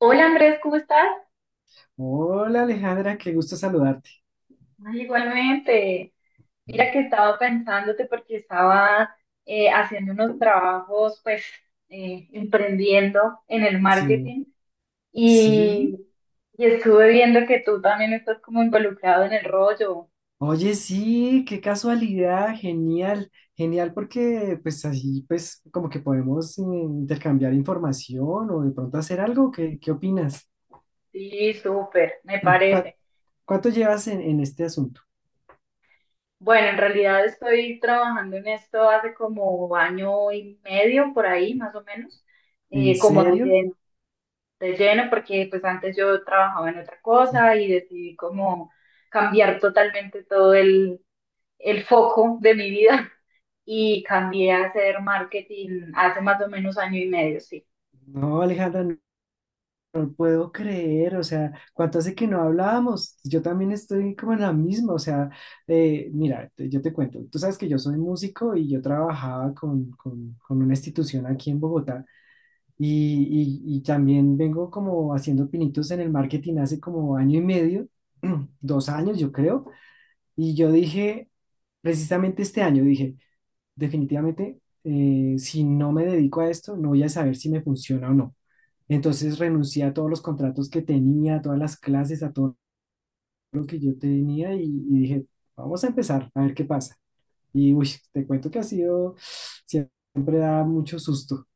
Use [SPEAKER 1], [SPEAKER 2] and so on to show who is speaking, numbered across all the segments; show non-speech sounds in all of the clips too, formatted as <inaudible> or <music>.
[SPEAKER 1] Hola Andrés, ¿cómo estás?
[SPEAKER 2] Hola Alejandra, qué gusto saludarte.
[SPEAKER 1] Ay, igualmente. Mira que estaba pensándote porque estaba haciendo unos trabajos, pues, emprendiendo en el
[SPEAKER 2] Sí,
[SPEAKER 1] marketing
[SPEAKER 2] sí.
[SPEAKER 1] y, y estuve viendo que tú también estás como involucrado en el rollo.
[SPEAKER 2] Oye, sí, qué casualidad, genial, genial porque pues así pues como que podemos intercambiar información o de pronto hacer algo, ¿qué opinas?
[SPEAKER 1] Sí, súper, me
[SPEAKER 2] <clears throat> ¿Cuá-
[SPEAKER 1] parece.
[SPEAKER 2] ¿Cuánto llevas en este asunto?
[SPEAKER 1] Bueno, en realidad estoy trabajando en esto hace como año y medio por ahí, más o menos,
[SPEAKER 2] ¿En
[SPEAKER 1] como
[SPEAKER 2] serio?
[SPEAKER 1] de lleno porque pues antes yo trabajaba en otra cosa y decidí como cambiar totalmente todo el foco de mi vida <laughs> y cambié a hacer marketing hace más o menos año y medio, sí.
[SPEAKER 2] No, Alejandra, puedo creer, o sea, cuánto hace que no hablábamos. Yo también estoy como en la misma, o sea, mira, yo te cuento, tú sabes que yo soy músico y yo trabajaba con una institución aquí en Bogotá y también vengo como haciendo pinitos en el marketing hace como año y medio, <clears throat> 2 años yo creo, y yo dije, precisamente este año dije, definitivamente, si no me dedico a esto, no voy a saber si me funciona o no. Entonces renuncié a todos los contratos que tenía, a todas las clases, a todo lo que yo tenía y dije, vamos a empezar a ver qué pasa. Y uy, te cuento que ha sido, siempre da mucho susto.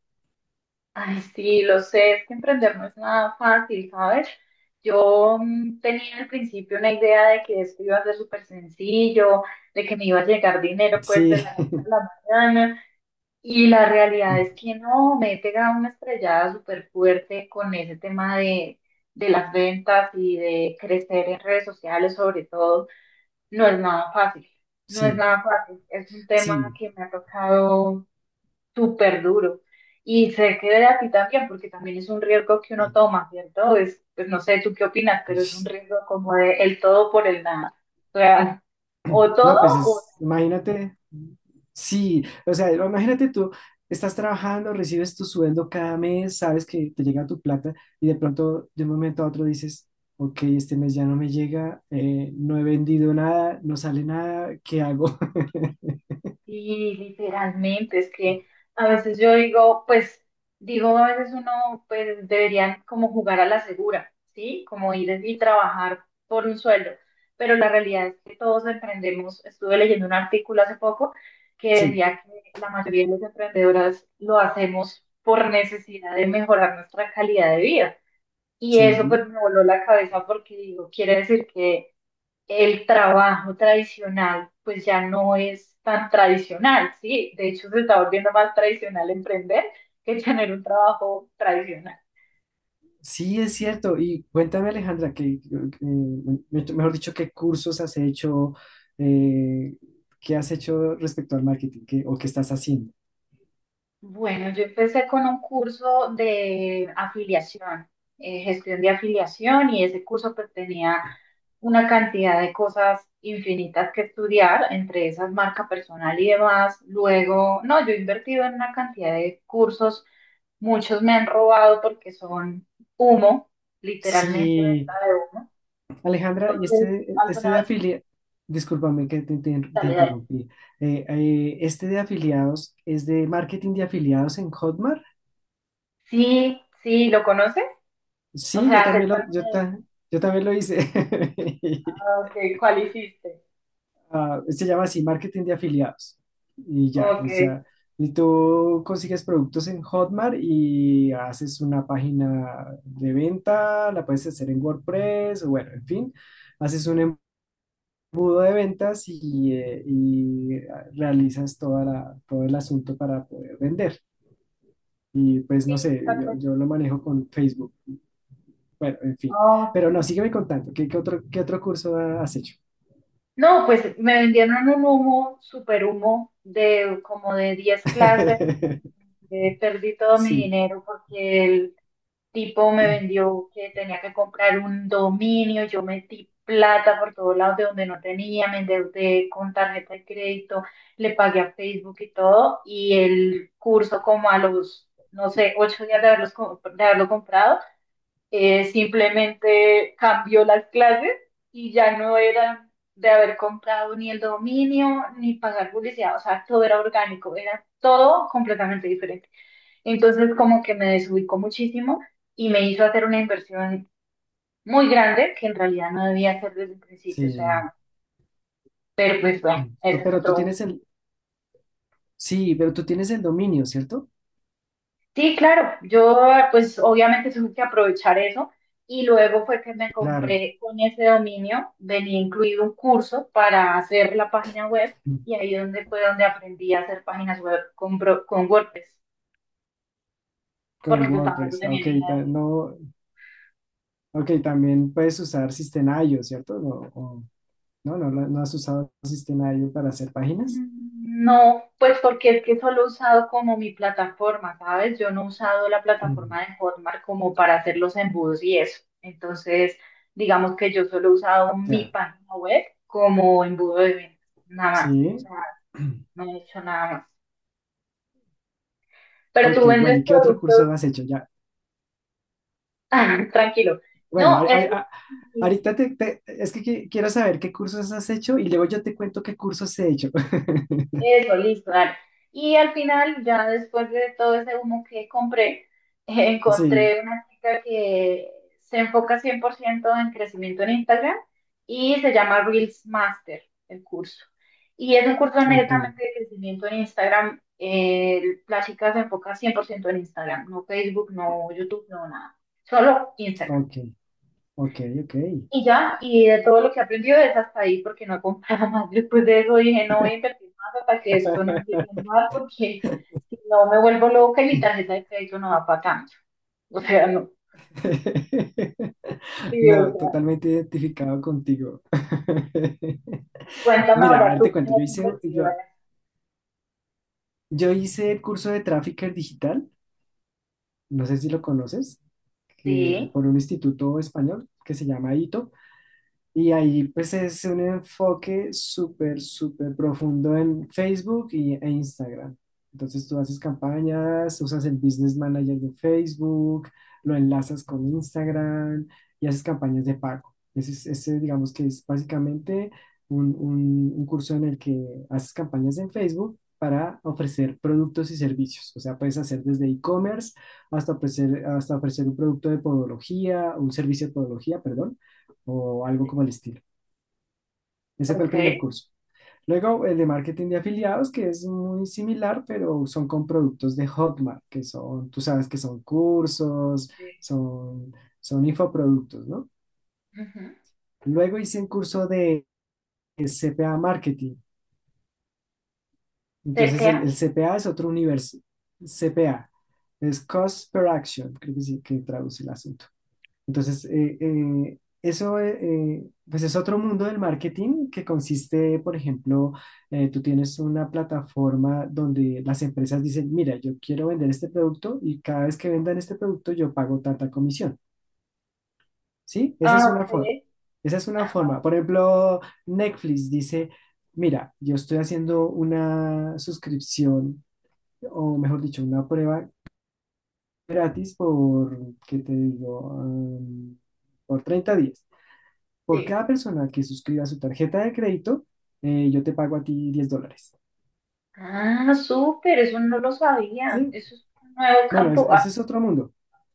[SPEAKER 1] Ay, sí, lo sé, es que emprender no es nada fácil, ¿sabes? Yo tenía al principio una idea de que esto iba a ser súper sencillo, de que me iba a llegar dinero pues
[SPEAKER 2] Sí,
[SPEAKER 1] de la noche a la mañana. Y la realidad es que
[SPEAKER 2] <laughs>
[SPEAKER 1] no, me he pegado una estrellada súper fuerte con ese tema de las ventas y de crecer en redes sociales, sobre todo. No es nada fácil, no es
[SPEAKER 2] sí,
[SPEAKER 1] nada fácil. Es un tema
[SPEAKER 2] sí.
[SPEAKER 1] que me ha tocado súper duro. Y sé que de a ti también, porque también es un riesgo que uno toma, ¿cierto? Es, pues no sé tú qué opinas,
[SPEAKER 2] Uy,
[SPEAKER 1] pero es un riesgo como de el todo por el nada. O sea, o todo.
[SPEAKER 2] no, pues es, imagínate, sí, o sea, imagínate tú, estás trabajando, recibes tu sueldo cada mes, sabes que te llega tu plata y de pronto de un momento a otro dices, ok, este mes ya no me llega, no he vendido nada, no sale nada, ¿qué hago? <laughs>
[SPEAKER 1] Y literalmente, es que a veces yo digo, pues, digo, a veces uno, pues, deberían como jugar a la segura, ¿sí? Como ir y trabajar por un sueldo. Pero la realidad es que todos emprendemos. Estuve leyendo un artículo hace poco que
[SPEAKER 2] Sí,
[SPEAKER 1] decía que la mayoría de las emprendedoras lo hacemos por necesidad de mejorar nuestra calidad de vida. Y eso
[SPEAKER 2] sí,
[SPEAKER 1] pues me voló la cabeza porque digo, quiere decir que el trabajo tradicional pues ya no es tan tradicional, ¿sí? De hecho, se está volviendo más tradicional emprender que tener un trabajo tradicional.
[SPEAKER 2] sí es cierto. Y cuéntame, Alejandra, que, mejor dicho, ¿qué cursos has hecho? Eh, ¿Qué has hecho respecto al marketing? ¿O qué estás haciendo?
[SPEAKER 1] Bueno, yo empecé con un curso de afiliación, gestión de afiliación, y ese curso pues tenía una cantidad de cosas infinitas que estudiar, entre esas marca personal y demás. Luego, no, yo he invertido en una cantidad de cursos. Muchos me han robado porque son humo, literalmente
[SPEAKER 2] Sí,
[SPEAKER 1] venta de humo.
[SPEAKER 2] Alejandra, y
[SPEAKER 1] Entonces,
[SPEAKER 2] este,
[SPEAKER 1] alguna
[SPEAKER 2] de
[SPEAKER 1] vez
[SPEAKER 2] afiliados, discúlpame que te
[SPEAKER 1] sale de ahí.
[SPEAKER 2] interrumpí. Este de afiliados es de marketing de afiliados en Hotmart.
[SPEAKER 1] Sí, sí, ¿lo conoces? O
[SPEAKER 2] Sí,
[SPEAKER 1] sea, acepta hecho alguna vez?
[SPEAKER 2] yo también lo hice. <laughs>
[SPEAKER 1] Ah, ok, ¿cuál hiciste?
[SPEAKER 2] Ah, se llama así, marketing de afiliados. Y ya, o
[SPEAKER 1] Ok.
[SPEAKER 2] sea, y tú consigues productos en Hotmart y haces una página de venta, la puedes hacer en WordPress, o bueno, en fin, haces un embudo de ventas y realizas todo el asunto para poder vender. Y pues
[SPEAKER 1] Sí,
[SPEAKER 2] no sé,
[SPEAKER 1] tal
[SPEAKER 2] yo,
[SPEAKER 1] vez.
[SPEAKER 2] yo lo manejo con Facebook. Bueno, en fin.
[SPEAKER 1] Ah,
[SPEAKER 2] Pero no,
[SPEAKER 1] ok.
[SPEAKER 2] sígueme contando. ¿Qué otro curso has hecho?
[SPEAKER 1] No, pues me vendieron un humo, super humo, de como de 10 clases.
[SPEAKER 2] <laughs>
[SPEAKER 1] Eh, perdí todo mi
[SPEAKER 2] Sí,
[SPEAKER 1] dinero porque el tipo me
[SPEAKER 2] <clears throat>
[SPEAKER 1] vendió que tenía que comprar un dominio, yo metí plata por todos lados de donde no tenía, me endeudé con tarjeta de crédito, le pagué a Facebook y todo, y el curso como a los, no sé, 8 días de haberlo comprado, simplemente cambió las clases y ya no era de haber comprado ni el dominio, ni pagar publicidad, o sea, todo era orgánico, era todo completamente diferente. Entonces como que me desubicó muchísimo y me hizo hacer una inversión muy grande que en realidad no debía hacer desde el principio. O
[SPEAKER 2] sí.
[SPEAKER 1] sea, pero pues bueno,
[SPEAKER 2] No,
[SPEAKER 1] ese es otro.
[SPEAKER 2] Sí, pero tú tienes el dominio, ¿cierto?
[SPEAKER 1] Sí, claro, yo pues obviamente tuve que aprovechar eso y luego fue que me
[SPEAKER 2] Claro.
[SPEAKER 1] compré con ese dominio, venía incluido un curso para hacer la página web y ahí donde fue donde aprendí a hacer páginas web con WordPress,
[SPEAKER 2] Con
[SPEAKER 1] porque pues tampoco
[SPEAKER 2] WordPress.
[SPEAKER 1] tenía
[SPEAKER 2] Ok,
[SPEAKER 1] ni idea.
[SPEAKER 2] no, ok, también puedes usar System.io, ¿cierto? No, no has usado System.io para hacer páginas.
[SPEAKER 1] No, pues porque es que solo he usado como mi plataforma, ¿sabes? Yo no he usado la plataforma de
[SPEAKER 2] <clears throat>
[SPEAKER 1] Hotmart como para hacer los embudos y eso. Entonces, digamos que yo solo he usado mi
[SPEAKER 2] Ya,
[SPEAKER 1] página web como embudo de venta, nada más. O
[SPEAKER 2] sí.
[SPEAKER 1] sea,
[SPEAKER 2] <clears throat>
[SPEAKER 1] no he hecho nada más. Pero
[SPEAKER 2] Ok,
[SPEAKER 1] tú
[SPEAKER 2] bueno,
[SPEAKER 1] vendes
[SPEAKER 2] ¿y qué otro curso
[SPEAKER 1] productos,
[SPEAKER 2] has hecho? Ya,
[SPEAKER 1] <laughs> tranquilo.
[SPEAKER 2] bueno,
[SPEAKER 1] No, eso. Sí,
[SPEAKER 2] ahorita es que quiero saber qué cursos has hecho y luego yo te cuento qué cursos he hecho. <laughs>
[SPEAKER 1] eso, listo, dale. Y al final, ya después de todo ese humo que compré, <laughs>
[SPEAKER 2] Sí,
[SPEAKER 1] encontré una chica que se enfoca 100% en crecimiento en Instagram y se llama Reels Master, el curso. Y es un curso
[SPEAKER 2] ok,
[SPEAKER 1] netamente de crecimiento en Instagram. Eh, la chica se enfoca 100% en Instagram, no Facebook, no YouTube, no nada. Solo Instagram.
[SPEAKER 2] ok, ok, ok.
[SPEAKER 1] Y ya, y de todo lo que he aprendido es hasta ahí, porque no compraba <laughs> más. Después de eso dije, no voy a invertir más hasta que esto no empiece a andar, porque si no me vuelvo loca y mi tarjeta de crédito no va para tanto. O sea, no.
[SPEAKER 2] <laughs>
[SPEAKER 1] Sí, o
[SPEAKER 2] No,
[SPEAKER 1] sea,
[SPEAKER 2] totalmente identificado contigo. <laughs>
[SPEAKER 1] cuéntame
[SPEAKER 2] Mira, a
[SPEAKER 1] ahora
[SPEAKER 2] ver, te
[SPEAKER 1] tú qué
[SPEAKER 2] cuento, yo
[SPEAKER 1] has
[SPEAKER 2] hice,
[SPEAKER 1] invertido
[SPEAKER 2] yo,
[SPEAKER 1] ahora.
[SPEAKER 2] yo hice el curso de Trafficker Digital, no sé si lo conoces, que,
[SPEAKER 1] Sí,
[SPEAKER 2] por un instituto español que se llama ITO. Y ahí pues es un enfoque súper, súper profundo en Facebook e Instagram. Entonces tú haces campañas, usas el Business Manager de Facebook, lo enlazas con Instagram y haces campañas de pago. Ese digamos que es básicamente un curso en el que haces campañas en Facebook para ofrecer productos y servicios. O sea, puedes hacer desde e-commerce hasta ofrecer un producto de podología, un servicio de podología, perdón o algo como el estilo. Ese fue el
[SPEAKER 1] ok.
[SPEAKER 2] primer curso. Luego el de marketing de afiliados, que es muy similar, pero son con productos de Hotmart, que son, tú sabes que son cursos,
[SPEAKER 1] Sí.
[SPEAKER 2] son, son infoproductos, ¿no?
[SPEAKER 1] Ujú.
[SPEAKER 2] Luego hice un curso de CPA Marketing.
[SPEAKER 1] ¿Te
[SPEAKER 2] Entonces el,
[SPEAKER 1] queda?
[SPEAKER 2] el CPA es otro universo. CPA es Cost Per Action, creo que sí, que traduce el asunto. Entonces, eso pues es otro mundo del marketing que consiste, por ejemplo, tú tienes una plataforma donde las empresas dicen, mira, yo quiero vender este producto y cada vez que vendan este producto yo pago tanta comisión, ¿sí? Esa
[SPEAKER 1] Ah,
[SPEAKER 2] es
[SPEAKER 1] ok.
[SPEAKER 2] una forma. Esa es una
[SPEAKER 1] Ajá,
[SPEAKER 2] forma. Por ejemplo, Netflix dice, mira, yo estoy haciendo una suscripción, o mejor dicho, una prueba gratis por, ¿qué te digo? Por 30 días. Por
[SPEAKER 1] sí.
[SPEAKER 2] cada persona que suscriba su tarjeta de crédito, yo te pago a ti $10.
[SPEAKER 1] Ah, súper, eso no lo sabía.
[SPEAKER 2] ¿Sí?
[SPEAKER 1] Eso es un nuevo
[SPEAKER 2] Bueno,
[SPEAKER 1] campo. Ah,
[SPEAKER 2] ese es otro mundo.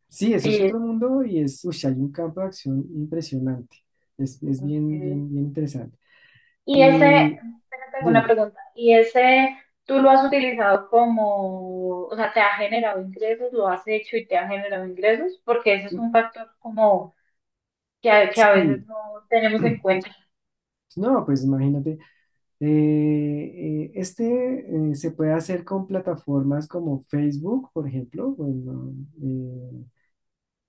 [SPEAKER 2] Sí, eso es
[SPEAKER 1] sí,
[SPEAKER 2] otro mundo y uy, hay un campo de acción impresionante. Es bien, bien,
[SPEAKER 1] ok.
[SPEAKER 2] bien interesante.
[SPEAKER 1] Y ese,
[SPEAKER 2] Y
[SPEAKER 1] tengo una
[SPEAKER 2] dime,
[SPEAKER 1] pregunta, y ese tú lo has utilizado como, o sea, te ha generado ingresos, lo has hecho y te ha generado ingresos, porque ese es
[SPEAKER 2] mm,
[SPEAKER 1] un factor como que a veces
[SPEAKER 2] sí,
[SPEAKER 1] no tenemos en cuenta.
[SPEAKER 2] no, pues imagínate, este se puede hacer con plataformas como Facebook, por ejemplo, bueno, eh,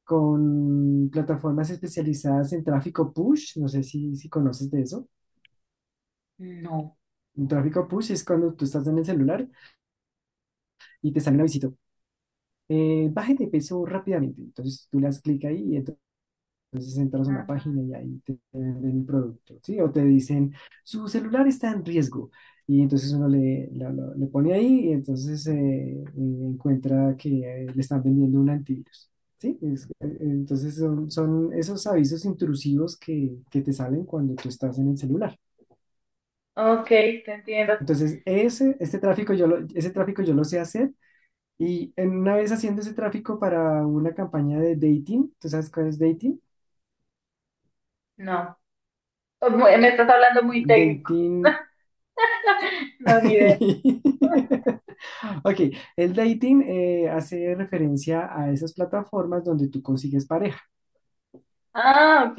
[SPEAKER 2] con plataformas especializadas en tráfico push, no sé si conoces de eso.
[SPEAKER 1] No.
[SPEAKER 2] Un tráfico push es cuando tú estás en el celular y te sale un visita. Baje de peso rápidamente. Entonces tú le das clic ahí y entonces entras a una
[SPEAKER 1] Ah,
[SPEAKER 2] página y ahí te venden el producto, ¿sí? O te dicen, su celular está en riesgo. Y entonces uno le pone ahí y entonces encuentra que le están vendiendo un antivirus, ¿sí? Entonces son, esos avisos intrusivos que te salen cuando tú estás en el celular.
[SPEAKER 1] ok, te entiendo.
[SPEAKER 2] Entonces, ese tráfico yo lo sé hacer. Y en una vez haciendo ese tráfico para una campaña de dating, ¿tú sabes cuál es dating?
[SPEAKER 1] No. Oh, Me estás hablando muy técnico.
[SPEAKER 2] Dating.
[SPEAKER 1] <laughs> No, ni idea.
[SPEAKER 2] <laughs> Ok, el dating hace referencia a esas plataformas donde tú consigues pareja.
[SPEAKER 1] Ah, ok.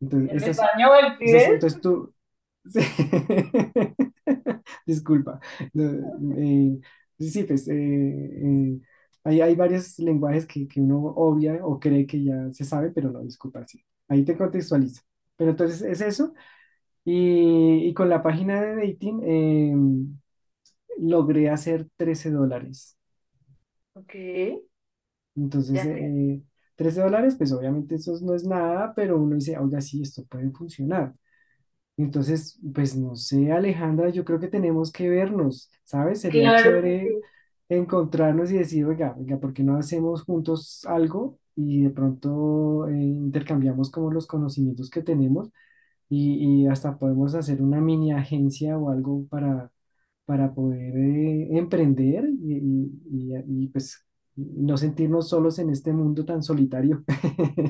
[SPEAKER 2] Entonces, esas,
[SPEAKER 1] español el
[SPEAKER 2] esas son,
[SPEAKER 1] pides?
[SPEAKER 2] entonces tú. <laughs> Sí. Disculpa. No, eh, sí, sí, pues hay varios lenguajes que uno obvia o cree que ya se sabe, pero no, disculpa, sí. Ahí te contextualizo. Pero entonces es eso. Y con la página de dating logré hacer $13.
[SPEAKER 1] Ok,
[SPEAKER 2] Entonces,
[SPEAKER 1] ya te.
[SPEAKER 2] $13, pues obviamente eso no es nada, pero uno dice, oiga, sí, esto puede funcionar. Entonces, pues no sé, Alejandra, yo creo que tenemos que vernos, ¿sabes? Sería
[SPEAKER 1] Claro que sí.
[SPEAKER 2] chévere encontrarnos y decir, oiga, oiga, ¿por qué no hacemos juntos algo? Y de pronto intercambiamos como los conocimientos que tenemos y hasta podemos hacer una mini agencia o algo para poder emprender y, pues no sentirnos solos en este mundo tan solitario.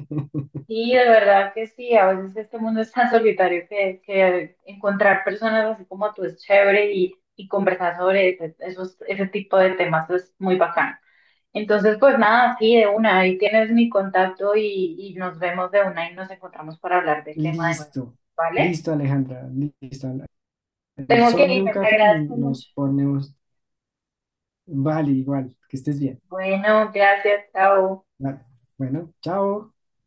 [SPEAKER 2] <laughs>
[SPEAKER 1] Sí, de verdad que sí, a veces este mundo es tan solitario que encontrar personas así como tú es chévere y conversar sobre ese tipo de temas es muy bacán. Entonces, pues nada, sí, de una, ahí tienes mi contacto y nos vemos de una y nos encontramos para hablar del tema de nuevo,
[SPEAKER 2] Listo,
[SPEAKER 1] ¿vale?
[SPEAKER 2] listo Alejandra, listo. Al
[SPEAKER 1] Tengo
[SPEAKER 2] son
[SPEAKER 1] que
[SPEAKER 2] de un
[SPEAKER 1] irme, te
[SPEAKER 2] café
[SPEAKER 1] agradezco mucho.
[SPEAKER 2] nos ponemos, vale, igual, que estés bien.
[SPEAKER 1] Bueno, gracias, chao.
[SPEAKER 2] Vale. Bueno, chao.